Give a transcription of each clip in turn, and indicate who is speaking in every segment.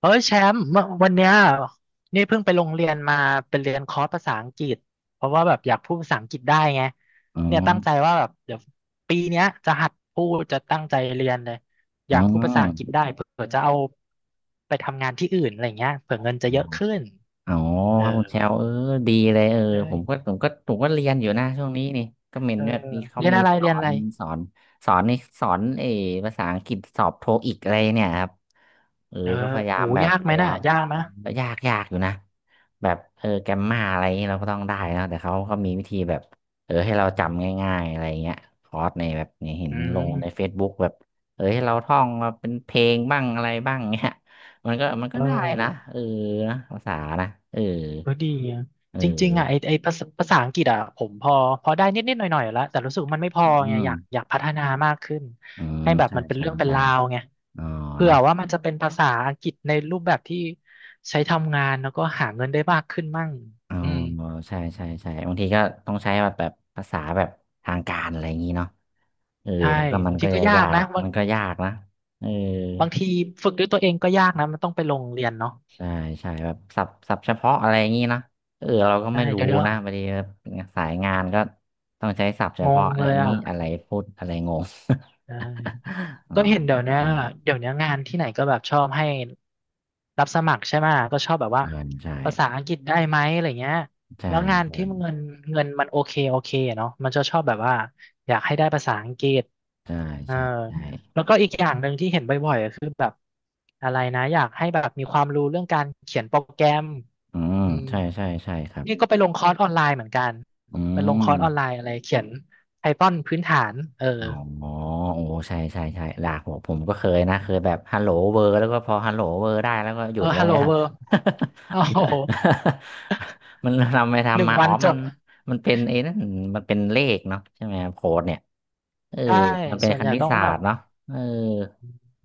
Speaker 1: เอ้ยแชมป์เมื่อวันเนี้ยนี่เพิ่งไปโรงเรียนมาเป็นเรียนคอร์สภาษาอังกฤษเพราะว่าแบบอยากพูดภาษาอังกฤษได้ไง
Speaker 2: อ๋อ
Speaker 1: เนี่ยตั้งใจว่าแบบเดี๋ยวปีเนี้ยจะหัดพูดจะตั้งใจเรียนเลยอ
Speaker 2: อ๋
Speaker 1: ยากพูดภาษาอังกฤษ
Speaker 2: อ
Speaker 1: ได้เผื่อจะเอาไปทำงานที่อื่นอะไรเงี้ยเผื่อเงินจะเยอะขึ้น
Speaker 2: อ๋อ
Speaker 1: เออ
Speaker 2: ครับคุณแชวดีเลย
Speaker 1: เอ้
Speaker 2: ผ
Speaker 1: ย
Speaker 2: มก็ผมก็ผมก็เรียนอยู่นะช่วงนี้นี่ก็เมน
Speaker 1: เออ
Speaker 2: เนี่ยนี่เขา
Speaker 1: เรียน
Speaker 2: มี
Speaker 1: อะไรเรียนอะไร
Speaker 2: สอนสอนนี่สอนภาษาอังกฤษสอบโทอีกอะไรเนี่ยครับ
Speaker 1: เออ
Speaker 2: ก็พยายา
Speaker 1: โห
Speaker 2: มแบบ
Speaker 1: ยาก
Speaker 2: พ
Speaker 1: ไหม
Speaker 2: ยายา
Speaker 1: น่ะ
Speaker 2: ม
Speaker 1: ยากนะ
Speaker 2: ก็ยากอยู่นะแบบแกมมาอะไรอย่างนี้เราก็ต้องได้นะแต่เขาก็มีวิธีแบบให้เราจำง่ายๆอะไรเงี้ยคอร์สในแบบเนี่ยเห็น
Speaker 1: อื
Speaker 2: ลงใน
Speaker 1: ม
Speaker 2: Facebook แบบให้เราท่องมาเป็นเพลงบ้างอะไรบ้างเงี้ย มันก็
Speaker 1: เอ
Speaker 2: ได้นะ
Speaker 1: อ
Speaker 2: นะภาษานะ
Speaker 1: ก็ดีอะ
Speaker 2: เอ
Speaker 1: จริงๆอ่ะไอ
Speaker 2: อ
Speaker 1: ไอภาษาอังกฤษอ่ะผมพอพอได้นิดๆหน่อยๆแล้วแต่รู้สึกว่ามันไม่พอ
Speaker 2: อื
Speaker 1: ไงอ
Speaker 2: ม
Speaker 1: ยากอยากพัฒนามากขึ้น
Speaker 2: อืม
Speaker 1: ให้แบบ
Speaker 2: ใช่
Speaker 1: มันเป็น
Speaker 2: ใช่
Speaker 1: เรื่องเป็น
Speaker 2: ใช่
Speaker 1: ราวไง
Speaker 2: อ๋อ
Speaker 1: เผื่อ
Speaker 2: เนาะ
Speaker 1: ว่ามันจะเป็นภาษาอังกฤษในรูปแบบที่ใช้ทำงานแล้วก็หาเงินได้มากขึ้นมั่ง
Speaker 2: เออ
Speaker 1: อืม
Speaker 2: ใช่ใช่ใช่บางทีก็ต้องใช้แบบภาษาแบบทางการอะไรอย่างนี้เนาะเออ
Speaker 1: ใช่
Speaker 2: มันก็มั
Speaker 1: บา
Speaker 2: น
Speaker 1: ง
Speaker 2: ก็
Speaker 1: ทีก็ยา
Speaker 2: ยา
Speaker 1: กนะ
Speaker 2: ก
Speaker 1: บา
Speaker 2: มั
Speaker 1: ง
Speaker 2: นก็ยากนะเออ
Speaker 1: บางทีฝึกด้วยตัวเองก็ยากนะมันต้องไปลงเรียนเนาะ
Speaker 2: ใช่ใช่แบบศัพท์เฉพาะอะไรอย่างนี้นะเราก็
Speaker 1: ใช่
Speaker 2: ไม่รู้
Speaker 1: เดี๋ยว
Speaker 2: นะบางทีสายงานก็ต้องใช้ศัพท์เฉ
Speaker 1: ง
Speaker 2: พาะ
Speaker 1: งเล
Speaker 2: นะ
Speaker 1: ย
Speaker 2: อันนี้
Speaker 1: อ่ะ
Speaker 2: อะไรพูดอะไรงง
Speaker 1: ใช่
Speaker 2: อ๋อ
Speaker 1: ก็เห็นเดี๋ยวเนี้ย
Speaker 2: ใช่
Speaker 1: เดี๋ยวเนี้ยงานที่ไหนก็แบบชอบให้รับสมัครใช่ไหมก็ชอบแบบว่า
Speaker 2: เกินใช่
Speaker 1: ภาษาอังกฤษได้ไหมอะไรเงี้ย
Speaker 2: ใช่
Speaker 1: แล้วงาน
Speaker 2: เหม
Speaker 1: ที่
Speaker 2: น
Speaker 1: เงินเงินมันโอเคโอเคอะเนาะมันจะชอบแบบว่าอยากให้ได้ภาษาอังกฤษ
Speaker 2: ใช่
Speaker 1: เออ
Speaker 2: ใช่ใช่
Speaker 1: แล้วก็อีกอย่างหนึ่งที่เห็นบ่อยๆก็คือแบบอะไรนะอยากให้แบบมีความรู้เรื่องการเขียนโปรแกรม
Speaker 2: อืม
Speaker 1: อืม
Speaker 2: ใช่ใช่ใช่ครับ
Speaker 1: นี่ก็ไปลงคอร์สออนไลน์เหมือนกัน
Speaker 2: อื
Speaker 1: ไปลงค
Speaker 2: ม
Speaker 1: อร์สออนไลน์อะไรเขียน Python พื้นฐานเออ
Speaker 2: อ๋อโอ้ใช่ใช่ใช่หลากผมก็เคยนะเคยแบบฮัลโหลเวอร์แล้วก็พอฮัลโหลเวอร์ได้แล้วก็หยุ
Speaker 1: เอ
Speaker 2: ด
Speaker 1: อ
Speaker 2: แล้ว
Speaker 1: ฮัลโหล
Speaker 2: เนี่ย
Speaker 1: เบอร์โอ้โห
Speaker 2: มันทำไป
Speaker 1: หนึ่
Speaker 2: ทำ
Speaker 1: ง
Speaker 2: มาอ๋
Speaker 1: วั
Speaker 2: อ
Speaker 1: นจ
Speaker 2: มัน
Speaker 1: บ
Speaker 2: มันเป็นไอ้นั่นมันเป็นเลขเนาะใช่ไหมครับโค้ดเนี่ยเออ
Speaker 1: ใช่
Speaker 2: มันเป็น
Speaker 1: ส่วน
Speaker 2: ค
Speaker 1: ใหญ่
Speaker 2: ณิต
Speaker 1: ต้อง
Speaker 2: ศา
Speaker 1: แบ
Speaker 2: ส
Speaker 1: บ
Speaker 2: ตร์เนาะเออ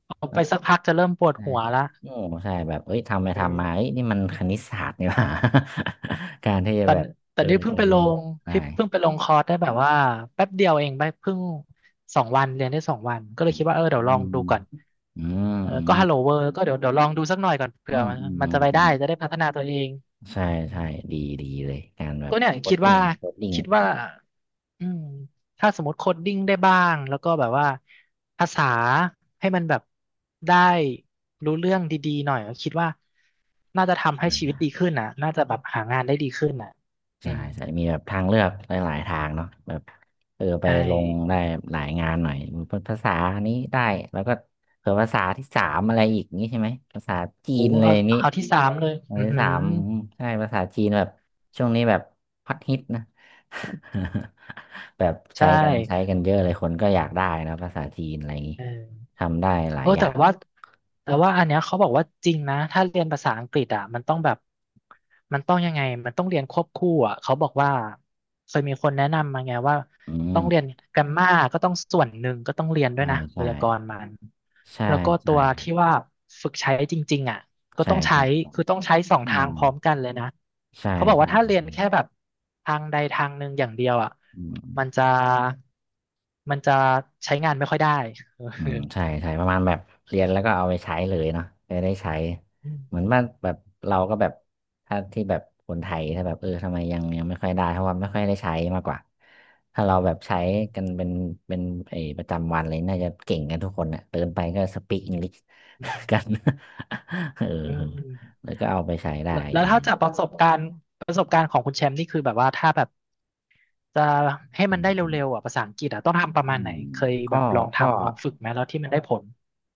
Speaker 1: เอา
Speaker 2: เออ
Speaker 1: ไปสักพักจะเริ่มปวด
Speaker 2: ใช่
Speaker 1: หัวละ
Speaker 2: โอ้ใช่แบบเอ้ยทำไป
Speaker 1: เอ
Speaker 2: ทำมาเอ้
Speaker 1: อ
Speaker 2: ยนี่มันคณิตศาสตร์นี่หว่า การที่จะ
Speaker 1: แต่
Speaker 2: แบบ
Speaker 1: แต่
Speaker 2: เอ
Speaker 1: นี่
Speaker 2: อ
Speaker 1: เพิ่ง
Speaker 2: จะ
Speaker 1: ไป
Speaker 2: เรี
Speaker 1: ล
Speaker 2: ยน
Speaker 1: ง
Speaker 2: ได้
Speaker 1: ที่เพิ่งไปลงคอร์สได้แบบว่าแป๊บเดียวเองไปเพิ่งสองวันเรียนได้สองวันก็เล
Speaker 2: อื
Speaker 1: ยคิดว่าเอ
Speaker 2: ม
Speaker 1: อเดี๋ยวลองดูก่อน
Speaker 2: อืม
Speaker 1: เออ
Speaker 2: อื
Speaker 1: ก็
Speaker 2: ม
Speaker 1: ฮัลโหลเบอร์ ก็เดี๋ยวลองดูสักหน่อยก่อนเผื่
Speaker 2: อื
Speaker 1: อ
Speaker 2: ม
Speaker 1: มัน
Speaker 2: อืมอื
Speaker 1: มัน
Speaker 2: ม
Speaker 1: จะไป
Speaker 2: อื
Speaker 1: ได้
Speaker 2: ม
Speaker 1: จะได้พัฒนาตัวเอง
Speaker 2: ใช่
Speaker 1: อื
Speaker 2: ใช่
Speaker 1: ม
Speaker 2: ดีดีเลย การแบบ
Speaker 1: ก็เนี่ย
Speaker 2: โค
Speaker 1: คิ
Speaker 2: ด
Speaker 1: ด
Speaker 2: ดิ้
Speaker 1: ว่า
Speaker 2: งโคดดิ้ง
Speaker 1: คิดว่า อืมถ้าสมมติโคดดิ้งได้บ้างแล้วก็แบบว่าภาษาให้มันแบบได้รู้เรื่องดีๆหน่อยคิดว่าน่าจะทำให้
Speaker 2: อ
Speaker 1: ชีวิ
Speaker 2: ม
Speaker 1: ตดีขึ้นน่ะน่าจะแบบหางานได้ดีขึ้นน่ะอื
Speaker 2: ใช่
Speaker 1: ม
Speaker 2: ใช่มีแบบทางเลือกหลายๆทางเนาะแบบไป
Speaker 1: ใช่
Speaker 2: ลงได้หลายงานหน่อยภาษานี้ได้ แล้วก็เผื่อภาษาที่สามอะไรอีกนี้ใช่ไหมภาษาจี
Speaker 1: โอ้
Speaker 2: นเลย
Speaker 1: เอา
Speaker 2: นี้
Speaker 1: เอาที่สามเลย
Speaker 2: ภาษา
Speaker 1: อือ
Speaker 2: ที่
Speaker 1: หือ
Speaker 2: สามอืมใช่ภาษาจีนแบบช่วงนี้แบบฮอตฮิตนะ แบบใช้
Speaker 1: ใช่
Speaker 2: กันใช้กันเยอะเลยคนก็อยากได้นะภาษาจีนอะไรอย่างนี้
Speaker 1: เออ
Speaker 2: ทำได้หลา
Speaker 1: โอ้
Speaker 2: ยอย่า
Speaker 1: แต่
Speaker 2: ง
Speaker 1: ว่าแต่ว่าอันเนี้ยเขาบอกว่าจริงนะถ้าเรียนภาษาอังกฤษอ่ะมันต้องแบบมันต้องยังไง มันต้องเรียนควบคู่อ่ะเขาบอกว่าเคยมีคนแนะนำมาไงว่า
Speaker 2: อื
Speaker 1: ต้อ
Speaker 2: ม
Speaker 1: งเรียนแกรมมาก็ต้องส่วนหนึ่งก็ต้องเรียนด้ว
Speaker 2: ใช่
Speaker 1: ยนะไว
Speaker 2: ใช่
Speaker 1: ยากรณ์มัน
Speaker 2: ใช่
Speaker 1: แล้วก็ตั
Speaker 2: ใช่
Speaker 1: วที่ว่าฝึกใช้จริงๆอ่ะ ก็
Speaker 2: ใช่
Speaker 1: ต้องใช้
Speaker 2: ใช่
Speaker 1: คือต้องใช้สอง
Speaker 2: อื
Speaker 1: ทาง
Speaker 2: ม
Speaker 1: พร้อมกันเลยนะ
Speaker 2: ใช่
Speaker 1: เขาบอกว่า
Speaker 2: ใช่
Speaker 1: ถ้าเรีย
Speaker 2: อ
Speaker 1: นแค่แบบทางใดทางหนึ่งอย่างเดียวอ่ะ
Speaker 2: ืม
Speaker 1: มันจะ มันจะใช้งานไม่ค่อยได้
Speaker 2: อืม ใช่ใช่ประมาณแบบเรียนแล้วก็เอาไปใช้เลยเนาะไปได้ใช้
Speaker 1: อื
Speaker 2: เหมือ
Speaker 1: ม
Speaker 2: นว่าแบบเราก็แบบถ้าที่แบบคนไทยถ้าแบบทำไมยังไม่ค่อยได้เพราะว่าไม่ค่อยได้ใช้มากกว่าถ้าเราแบบใช้กันเป็นเป็นไอ้ประจำวันเลยน่าจะเก่งกันทุกคนเน่ยเดินไปก็สปีกอังกฤษ
Speaker 1: อืม
Speaker 2: กัน เออ
Speaker 1: อืมอืม
Speaker 2: แล้วก็เอาไปใช้ได้
Speaker 1: แล้ว
Speaker 2: อะไรอ
Speaker 1: ถ้า
Speaker 2: ย่าง
Speaker 1: จาก
Speaker 2: งี
Speaker 1: ประสบการณ์ประสบการณ์ของคุณแชมป์นี่คือแบบว่าถ้าแบบจะให้มันได้เร็ว
Speaker 2: ้
Speaker 1: ๆอ่ะภาษาอังกฤษอ่ะต้องทำประ
Speaker 2: อื
Speaker 1: มาณไหน
Speaker 2: ม
Speaker 1: เคยแบ
Speaker 2: ก็
Speaker 1: บลอง
Speaker 2: ก็
Speaker 1: ทำลองฝึกไหมแล้วที่มันได้ผล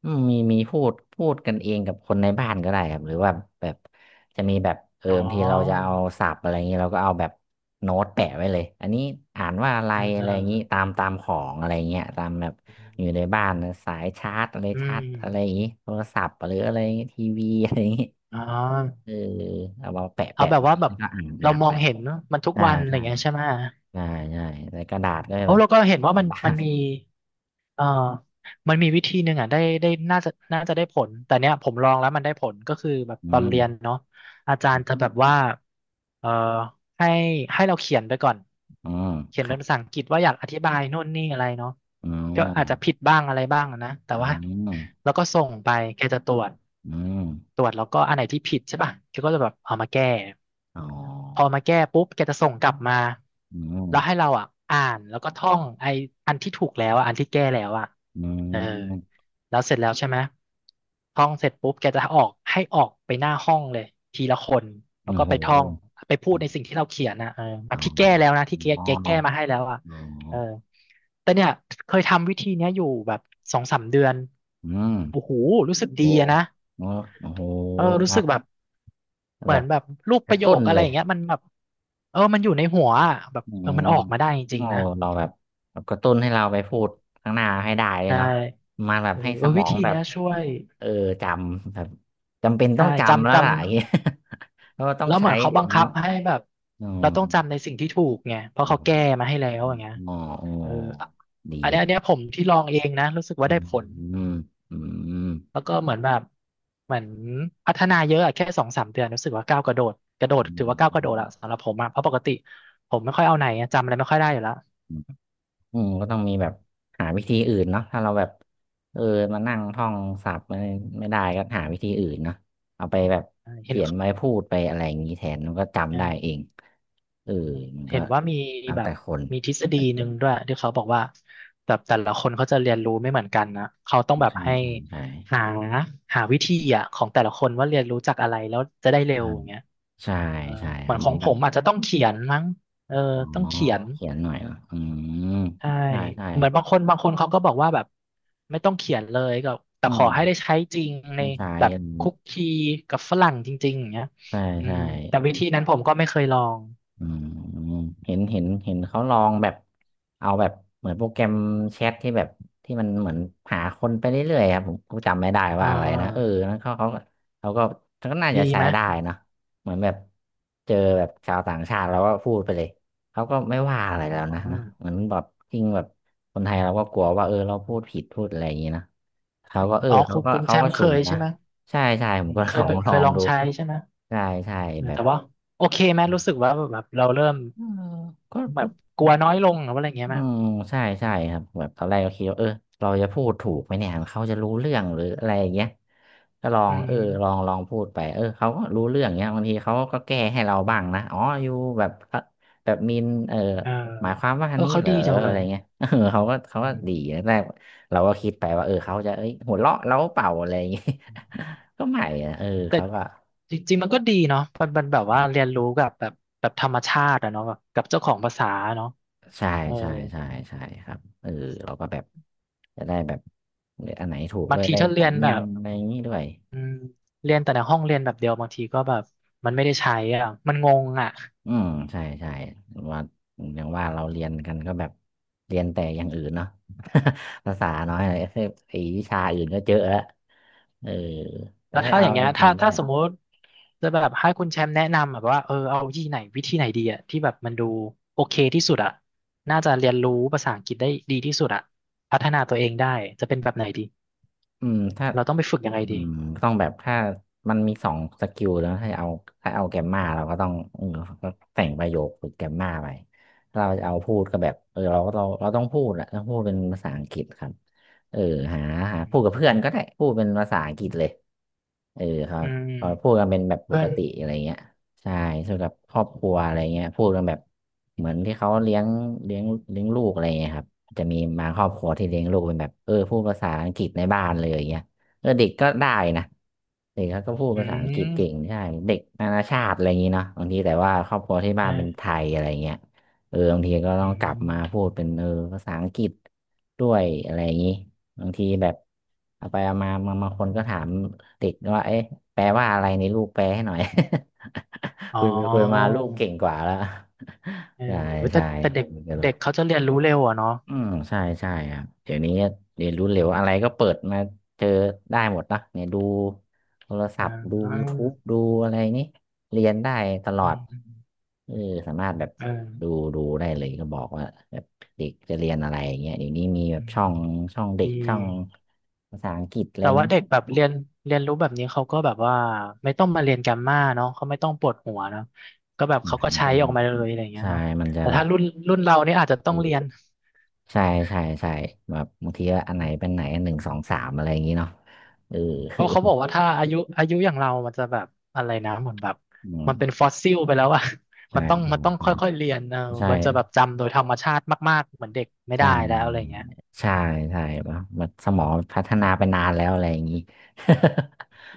Speaker 2: อืมมีมีพูดกันเองกับคนในบ้านก็ได้ครับหรือว่าแบบจะมีแบบ
Speaker 1: อ๋อ
Speaker 2: บางทีเราจะเอาศัพท์อะไรอย่างนี้เราก็เอาแบบโน้ตแปะไว้เลยอันนี้อ่านว่าอะไร
Speaker 1: เออเอ
Speaker 2: อะไร
Speaker 1: อ
Speaker 2: อย่างนี้ตามของอะไรเงี้ยตามแบบอยู่ในบ้านนะสายชาร์จอะไร
Speaker 1: อื
Speaker 2: ชา
Speaker 1: ม
Speaker 2: ร์จอะไรอย่างนี้โทรศัพท์หรืออะไรอย่างงี้ทีวีอะไรอย่างนี้
Speaker 1: อ๋
Speaker 2: เอ
Speaker 1: อ
Speaker 2: อเอามาแปะ
Speaker 1: เอา
Speaker 2: แปะ
Speaker 1: แบบ
Speaker 2: ไว้
Speaker 1: ว่าแบบ
Speaker 2: แล้วก็อ่าน
Speaker 1: เรา
Speaker 2: อ่าน
Speaker 1: มอ
Speaker 2: ไป
Speaker 1: งเห็นมันทุก
Speaker 2: ใช่
Speaker 1: วันอะไรอ
Speaker 2: ใช่
Speaker 1: ย่างเงี้ยใช่ไหม
Speaker 2: ใช่ใช่ในกระดาษก็จะ
Speaker 1: โอ้
Speaker 2: แบบ
Speaker 1: เราก็เห็นว่า
Speaker 2: เป็น
Speaker 1: มัน
Speaker 2: บ้า
Speaker 1: มัน
Speaker 2: ง
Speaker 1: มีเอ่อมันมีวิธีหนึ่งอ่ะได้น่าจะได้ผลแต่เนี้ยผมลองแล้วมันได้ผลก็คือแบบ
Speaker 2: อื
Speaker 1: ตอน
Speaker 2: ม
Speaker 1: เรียนเนาะอาจารย์จะแบบว่าเอ่อให้ให้เราเขียนไปก่อน
Speaker 2: อืม
Speaker 1: เขีย
Speaker 2: ค
Speaker 1: นเป็
Speaker 2: รั
Speaker 1: น
Speaker 2: บ
Speaker 1: ภาษาอังกฤษว่าอยากอธิบายนู่นนี่อะไรเนาะ
Speaker 2: อ๋อ
Speaker 1: ก็อาจจะผิดบ้างอะไรบ้างอะนะแต่
Speaker 2: อื
Speaker 1: ว่า
Speaker 2: ม
Speaker 1: แล้วก็ส่งไปแกจะตรวจ
Speaker 2: อืม
Speaker 1: ตรวจแล้วก็อันไหนที่ผิดใช่ป่ะแกก็จะแบบเอามาแก้
Speaker 2: อ๋
Speaker 1: พอ
Speaker 2: อ
Speaker 1: มาแก้ปุ๊บแกจะส่งกลับมา
Speaker 2: อืม
Speaker 1: แล้วให้เราอ่ะอ่านแล้วก็ท่องไออันที่ถูกแล้วอะอันที่แก้แล้วอ่ะ
Speaker 2: อื
Speaker 1: เออ
Speaker 2: ม
Speaker 1: แล้วเสร็จแล้วใช่ไหมท่องเสร็จปุ๊บแกจะออกให้ออกไปหน้าห้องเลยทีละคนแล้ว
Speaker 2: โอ้
Speaker 1: ก็
Speaker 2: โห
Speaker 1: ไปท่องไปพูดในสิ่งที่เราเขียนนะเออแบ
Speaker 2: อ๋อ
Speaker 1: บที่แก้แล้วนะที่แก
Speaker 2: อ๋อ
Speaker 1: แกแก้มาให้แล้วอ่ะ
Speaker 2: อ๋อ
Speaker 1: เออแต่เนี่ยเคยทำวิธีเนี้ยอยู่แบบสองสามเดือน
Speaker 2: อืม
Speaker 1: โอ้โหรู้สึกดี
Speaker 2: โอ้
Speaker 1: อะนะ
Speaker 2: โอ้โอ้โหค
Speaker 1: รู้
Speaker 2: รั
Speaker 1: สึกแบบ
Speaker 2: บ
Speaker 1: เห
Speaker 2: แบ
Speaker 1: มือน
Speaker 2: บ
Speaker 1: แบบรูป
Speaker 2: ก
Speaker 1: ประ
Speaker 2: ระ
Speaker 1: โย
Speaker 2: ตุ้น
Speaker 1: คอะไร
Speaker 2: เล
Speaker 1: อ
Speaker 2: ย
Speaker 1: ย่างเงี้ยมันแบบมันอยู่ในหัวอะแบบ
Speaker 2: อืม
Speaker 1: มันออกมาได้จริง
Speaker 2: โอ้
Speaker 1: ๆนะ
Speaker 2: เราแบบแบบกระตุ้นให้เราไปพูดข้างหน้าให้ได้เลย
Speaker 1: ใช่
Speaker 2: เนาะมาแบ
Speaker 1: เอ
Speaker 2: บ
Speaker 1: อ
Speaker 2: ให้
Speaker 1: เอ
Speaker 2: ส
Speaker 1: อ
Speaker 2: ม
Speaker 1: วิ
Speaker 2: อง
Speaker 1: ธี
Speaker 2: แบ
Speaker 1: เนี้
Speaker 2: บ
Speaker 1: ยช่วย
Speaker 2: เออจำแบบจำเป็นต้อ
Speaker 1: ใช่
Speaker 2: งจำแล้
Speaker 1: จำ
Speaker 2: ว
Speaker 1: จำ
Speaker 2: ล่ะอย่างเงี้ย เพราะว่าต้อง
Speaker 1: แล้วเห
Speaker 2: ใช้
Speaker 1: มือนเขา
Speaker 2: เดี๋ย
Speaker 1: บั
Speaker 2: ว
Speaker 1: ง
Speaker 2: นี้
Speaker 1: คับให้แบบ
Speaker 2: อื
Speaker 1: เราต้องจำใน
Speaker 2: ม
Speaker 1: สิ่งที่ถูกไงเพราะเขาแก้มาให้แล้วอย่างเงี้ย
Speaker 2: อ๋ออ๋อ
Speaker 1: เอออันเนี้ยอันเนี้
Speaker 2: ดี
Speaker 1: ยผมที่ลองเองนะรู้สึกว่า
Speaker 2: อื
Speaker 1: ได้
Speaker 2: ม
Speaker 1: ผล
Speaker 2: อืมอืมอืม
Speaker 1: แล้วก็เหมือนแบบเหมือนพัฒนาเยอะอะแค่สองสามเดือนรู้สึกว่าก้าวกระโดดกระโดดถือว่าก้าวกระโดดอะสำหรับผมอะเพราะปกติผมไม่ค่อยเอาไหนอะจำอะไรไม่ค่อยได้อยู่แล้ว
Speaker 2: อืมก็ต้องมีแบบหาวิธีอื่นเนาะถ้าเราแบบเออมานั่งท่องศัพท์ไม่ได้ก็หาวิธีอื่นเนาะเอาไปแบบ
Speaker 1: เห็น
Speaker 2: เขียนไว้พูดไปอะไรอย่างนี้แทนมันก็จำได้เอ
Speaker 1: เอ
Speaker 2: ง
Speaker 1: อ
Speaker 2: เออมันก็
Speaker 1: เห็นว่ามี
Speaker 2: แล้ว
Speaker 1: แบ
Speaker 2: แต่
Speaker 1: บ
Speaker 2: คน
Speaker 1: มีทฤษฎีหนึ่งด้วยที่เขาบอกว่าแบบแต่ละคนเขาจะเรียนรู้ไม่เหมือนกันนะเขาต้องแบ
Speaker 2: ใ
Speaker 1: บให้
Speaker 2: ช่ใช่
Speaker 1: หาหาวิธีอะของแต่ละคนว่าเรียนรู้จากอะไรแล้วจะได้เร็
Speaker 2: ใช่
Speaker 1: วอย่างเงี้ย
Speaker 2: ใช่
Speaker 1: เออ
Speaker 2: ใช่ใช่
Speaker 1: เห
Speaker 2: ค
Speaker 1: มือ
Speaker 2: รั
Speaker 1: น
Speaker 2: บ
Speaker 1: ข
Speaker 2: เห
Speaker 1: อ
Speaker 2: มือ
Speaker 1: ง
Speaker 2: น
Speaker 1: ผ
Speaker 2: แบบ
Speaker 1: มอาจจะต้องเขียนมั้งเออ
Speaker 2: อ๋อ
Speaker 1: ต้องเขียน
Speaker 2: เขียนหน่อยเหรออืม
Speaker 1: ใช่
Speaker 2: ใช่ใช่
Speaker 1: เหมือนบางคนบางคนเขาก็บอกว่าแบบไม่ต้องเขียนเลยก็แต่
Speaker 2: อื
Speaker 1: ขอ
Speaker 2: ม
Speaker 1: ให้ได้ใช้จริงใน
Speaker 2: ไม่ใช่
Speaker 1: แบบคุกคีกับฝรั่งจริงๆอย่างเงี้ย
Speaker 2: ใช่
Speaker 1: อื
Speaker 2: ใช่
Speaker 1: มแต่วิธีนั้นผมก็ไม่เคยลอง
Speaker 2: อืมเห็นเขาลองแบบเอาแบบเหมือนโปรแกรมแชทที่แบบที่มันเหมือนหาคนไปเรื่อยๆครับผมจำไม่ได้
Speaker 1: อ่
Speaker 2: ว่าอะไรนะ
Speaker 1: า
Speaker 2: นั้นเขาก็เขาก็น่าจะ
Speaker 1: ดี
Speaker 2: ใช้
Speaker 1: ไหม
Speaker 2: ได้นะเหมือนแบบเจอแบบชาวต่างชาติเราก็พูดไปเลยเขาก็ไม่ว่าอะไร
Speaker 1: อ๋
Speaker 2: แล้วนะนะ
Speaker 1: อ
Speaker 2: เหมือนแบบจริงแบบคนไทยเราก็กลัวว่าเราพูดผิดพูดอะไรอย่างนี้นะเขาก็เออ
Speaker 1: อ๋อ
Speaker 2: เขา
Speaker 1: คุณ
Speaker 2: ก็
Speaker 1: คุณแช
Speaker 2: เขาก็
Speaker 1: มป์เค
Speaker 2: สุ่ม
Speaker 1: ยใช่
Speaker 2: นะ
Speaker 1: ไหม
Speaker 2: ใช่ใช่ผม
Speaker 1: อืม
Speaker 2: ก็
Speaker 1: เค
Speaker 2: ล
Speaker 1: ย
Speaker 2: องล
Speaker 1: เค
Speaker 2: อ
Speaker 1: ย
Speaker 2: ง
Speaker 1: ลอง
Speaker 2: ดู
Speaker 1: ใช้ใช่ไหม
Speaker 2: ใช่ใช่
Speaker 1: เออ
Speaker 2: แบบ
Speaker 1: แต่ว่าโอเคไหมรู้สึกว่าแบบเราเริ่ม
Speaker 2: เออก็
Speaker 1: แบ
Speaker 2: ก็
Speaker 1: บกลัวน้อยลงหรือว่าอะไรอย่างเงี้ย
Speaker 2: อื
Speaker 1: ไหม
Speaker 2: มใช่ใช่ครับแบบตอนแรกก็คิดว่าเราจะพูดถูกไหมเนี่ยเขาจะรู้เรื่องหรืออะไรอย่างเงี้ยก็ลอ
Speaker 1: อื
Speaker 2: ง
Speaker 1: ม
Speaker 2: ลองลองพูดไปเขาก็รู้เรื่องเงี้ยบางทีเขาก็แก้ให้เราบ้างนะอ๋ออยู่แบบแบบมิน
Speaker 1: เออ
Speaker 2: หมายความว่าอั
Speaker 1: เอ
Speaker 2: น
Speaker 1: อ
Speaker 2: นี้
Speaker 1: เขา
Speaker 2: เหร
Speaker 1: ดี
Speaker 2: อ
Speaker 1: จังเล
Speaker 2: อะไร
Speaker 1: ย
Speaker 2: เงี้ย เขาก็เขา
Speaker 1: อื
Speaker 2: ก็ดี
Speaker 1: ม
Speaker 2: แรกเราก็คิดไปว่าเขาจะเอ้ยหัวเราะเราเปล่าอะไรอย่างเงี้ย ก็ไม่นะ
Speaker 1: แต่
Speaker 2: เขาก็
Speaker 1: จริงๆมันก็ดีเนาะมันมันแบบว่าเรียนรู้กับแบบแบบธรรมชาติอะเนาะแบบกับเจ้าของภาษาเนาะ
Speaker 2: ใช่
Speaker 1: เออ
Speaker 2: ใช่ใช่ใช่ครับเราก็แบบจะได้แบบเลือกอันไหนถูก
Speaker 1: บา
Speaker 2: ด้
Speaker 1: ง
Speaker 2: วย
Speaker 1: ที
Speaker 2: ได้
Speaker 1: ถ้าเรีย
Speaker 2: สำ
Speaker 1: น
Speaker 2: เนี
Speaker 1: แบ
Speaker 2: ย
Speaker 1: บ
Speaker 2: งอะไรอย่างนี้ด้วย
Speaker 1: อืมเรียนแต่ในห้องเรียนแบบเดียวบางทีก็แบบมันไม่ได้ใช้อ่ะมันงงอ่ะ
Speaker 2: อืมใช่ใช่ว่าอย่างว่าเราเรียนกันก็แบบเรียนแต่อย่างอื่นเนาะ ภาษาน้อยอะไรคือไอ้วิชาอื่นก็เจอะแล้วเออแต่
Speaker 1: แล้ว
Speaker 2: ให้
Speaker 1: ถ้าอ
Speaker 2: เอา
Speaker 1: ย่างเงี้
Speaker 2: จ
Speaker 1: ย
Speaker 2: ริ
Speaker 1: ถ้า
Speaker 2: งๆก็
Speaker 1: ถ้า
Speaker 2: แบ
Speaker 1: ส
Speaker 2: บ
Speaker 1: มมุติจะแบบให้คุณแชมป์แนะนำแบบว่าเอาที่ไหนวิธีไหนดีอ่ะที่แบบมันดูโอเคที่สุดอ่ะน่าจะเรียนรู้ภาษาอังกฤษได้ดีที่สุดอ่ะพัฒนาตัวเองได้จะเป็นแบบไหนดี
Speaker 2: อืมถ้า
Speaker 1: เราต้องไปฝึกยังไง
Speaker 2: อื
Speaker 1: ดี
Speaker 2: มต้องแบบถ้ามันมีสองสกิลแล้วให้เอาถ้าเอาแกมมาเราก็ต้องก็แต่งประโยคฝึกแกมมาไปถ้าเราจะเอาพูดก็แบบเราก็เราต้องพูดแหละต้องพูดเป็นภาษาอังกฤษครับเออหาหาพูดกับเพื่อนก็ได้พูดเป็นภาษาอังกฤษเลยเออเขา
Speaker 1: อืม
Speaker 2: เขาพูดกันเป็นแบบป
Speaker 1: เพื่อ
Speaker 2: ก
Speaker 1: น
Speaker 2: ติอะไรเงี้ยใช่ส่วนกับครอบครัวอะไรเงี้ยพูดกันแบบเหมือนที่เขาเลี้ยงเลี้ยงลูกอะไรเงี้ยครับ จะมีบางครอบครัวที่เลี้ยงลูกเป็นแบบพูดภาษาอังกฤษในบ้านเลยอย่างเงี้ยเด็กก็ได้นะเด็กเขาก็พูด
Speaker 1: อื
Speaker 2: ภาษาอังกฤ
Speaker 1: ม
Speaker 2: ษเก่งใช่เด็กนานาชาติอะไรอย่างงี้เนาะบางทีแต่ว่าครอบครัวที่บ้านเป็นไท
Speaker 1: เออ
Speaker 2: ยอะไรเงี้ยบางทีก็
Speaker 1: อื
Speaker 2: ต้องกลับมาพู
Speaker 1: ม
Speaker 2: ดเป็นภาษาอังกฤษด้วยอะไรอย่างงี้บางทีแบบเอาไปเอามาบางคนก็ถามเด็กว่าเอ๊ะแปลว่าอะไรในลูกแปลให้หน่อย
Speaker 1: อ๋อ
Speaker 2: คุยไปคุยมาลูกเก่งกว่าแล้ว
Speaker 1: เออ
Speaker 2: ใช่
Speaker 1: แต่
Speaker 2: ใช่
Speaker 1: แต่เด็กเด็ก
Speaker 2: อ
Speaker 1: เขาจะเรียนรู้เร็วอ่ะเนาะ
Speaker 2: อืมใช่ใช่ครับเดี๋ยวนี้เรียนรู้เร็วอะไรก็เปิดมาเจอได้หมดนะเนี่ยดูโทรศั
Speaker 1: อ่
Speaker 2: พท์ดู
Speaker 1: า
Speaker 2: YouTube ดูอะไรนี่เรียนได้ตลอ
Speaker 1: อื
Speaker 2: ด
Speaker 1: ม
Speaker 2: เออสามารถแบบ
Speaker 1: เออ
Speaker 2: ดูดูได้เลยก็บอกว่าแบบเด็กจะเรียนอะไรอย่างเงี้ยเดี๋ยวนี้มีแบ
Speaker 1: อื
Speaker 2: บ
Speaker 1: ม
Speaker 2: ช่องช่องเด็
Speaker 1: ดี
Speaker 2: กช่องภาษาอังกฤษอะไร
Speaker 1: แต่
Speaker 2: อย่าง
Speaker 1: ว่า
Speaker 2: เงี้
Speaker 1: เด็ก
Speaker 2: ย
Speaker 1: แบบเรียนเรียนรู้แบบนี้เขาก็แบบว่าไม่ต้องมาเรียนแกรมมาเนาะเขาไม่ต้องปวดหัวเนาะก็แบบเขา
Speaker 2: มั
Speaker 1: ก็
Speaker 2: น
Speaker 1: ใช้
Speaker 2: จะ
Speaker 1: ออกมาเลยอะไรอย่างเงี้ย
Speaker 2: ใช่
Speaker 1: เนาะ
Speaker 2: มันจะ
Speaker 1: แต่
Speaker 2: แบบ
Speaker 1: ถ้ารุ่นรุ่นเราเนี่ยอาจจะต้
Speaker 2: ไม่
Speaker 1: องเรี
Speaker 2: รู้
Speaker 1: ยน
Speaker 2: ใช่ใช่ใช่แบบบางทีว่าอันไหนเป็นไหนหนึ่งสองสามอะไรอย่างงี้เนาะเออ
Speaker 1: เพราะเขาบอกว่าถ้าอายุอายุอย่างเรามันจะแบบอะไรนะเหมือนแบบ
Speaker 2: อืม
Speaker 1: มันเป็นฟอสซิลไปแล้วอะ
Speaker 2: ใช่
Speaker 1: มันต้อง
Speaker 2: ใช
Speaker 1: มันต้อง
Speaker 2: ่
Speaker 1: ค่อยๆเรียนเออ
Speaker 2: ใช่
Speaker 1: มันจะแบบจำโดยธรรมชาติมากๆเหมือนเด็กไม่
Speaker 2: ใช่
Speaker 1: ได้แล้วอะไรอย่างเงี้ย
Speaker 2: ใช่ใช่ปะมันสมองพัฒนาไปนานแล้วอะไรอย่างนี้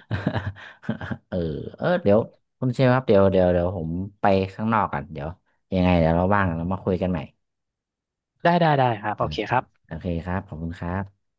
Speaker 2: เออเดี๋ยวคุณเชฟครับเดี๋ยวเดี๋ยวเดี๋ยวผมไปข้างนอกก่อนเดี๋ยวยังไงเดี๋ยวเราว่างเรามาคุยกันใหม่
Speaker 1: ได้ได้ได้ครับ
Speaker 2: โอ
Speaker 1: โอเค
Speaker 2: เค
Speaker 1: ครับ
Speaker 2: โอเคครับขอบคุณครับ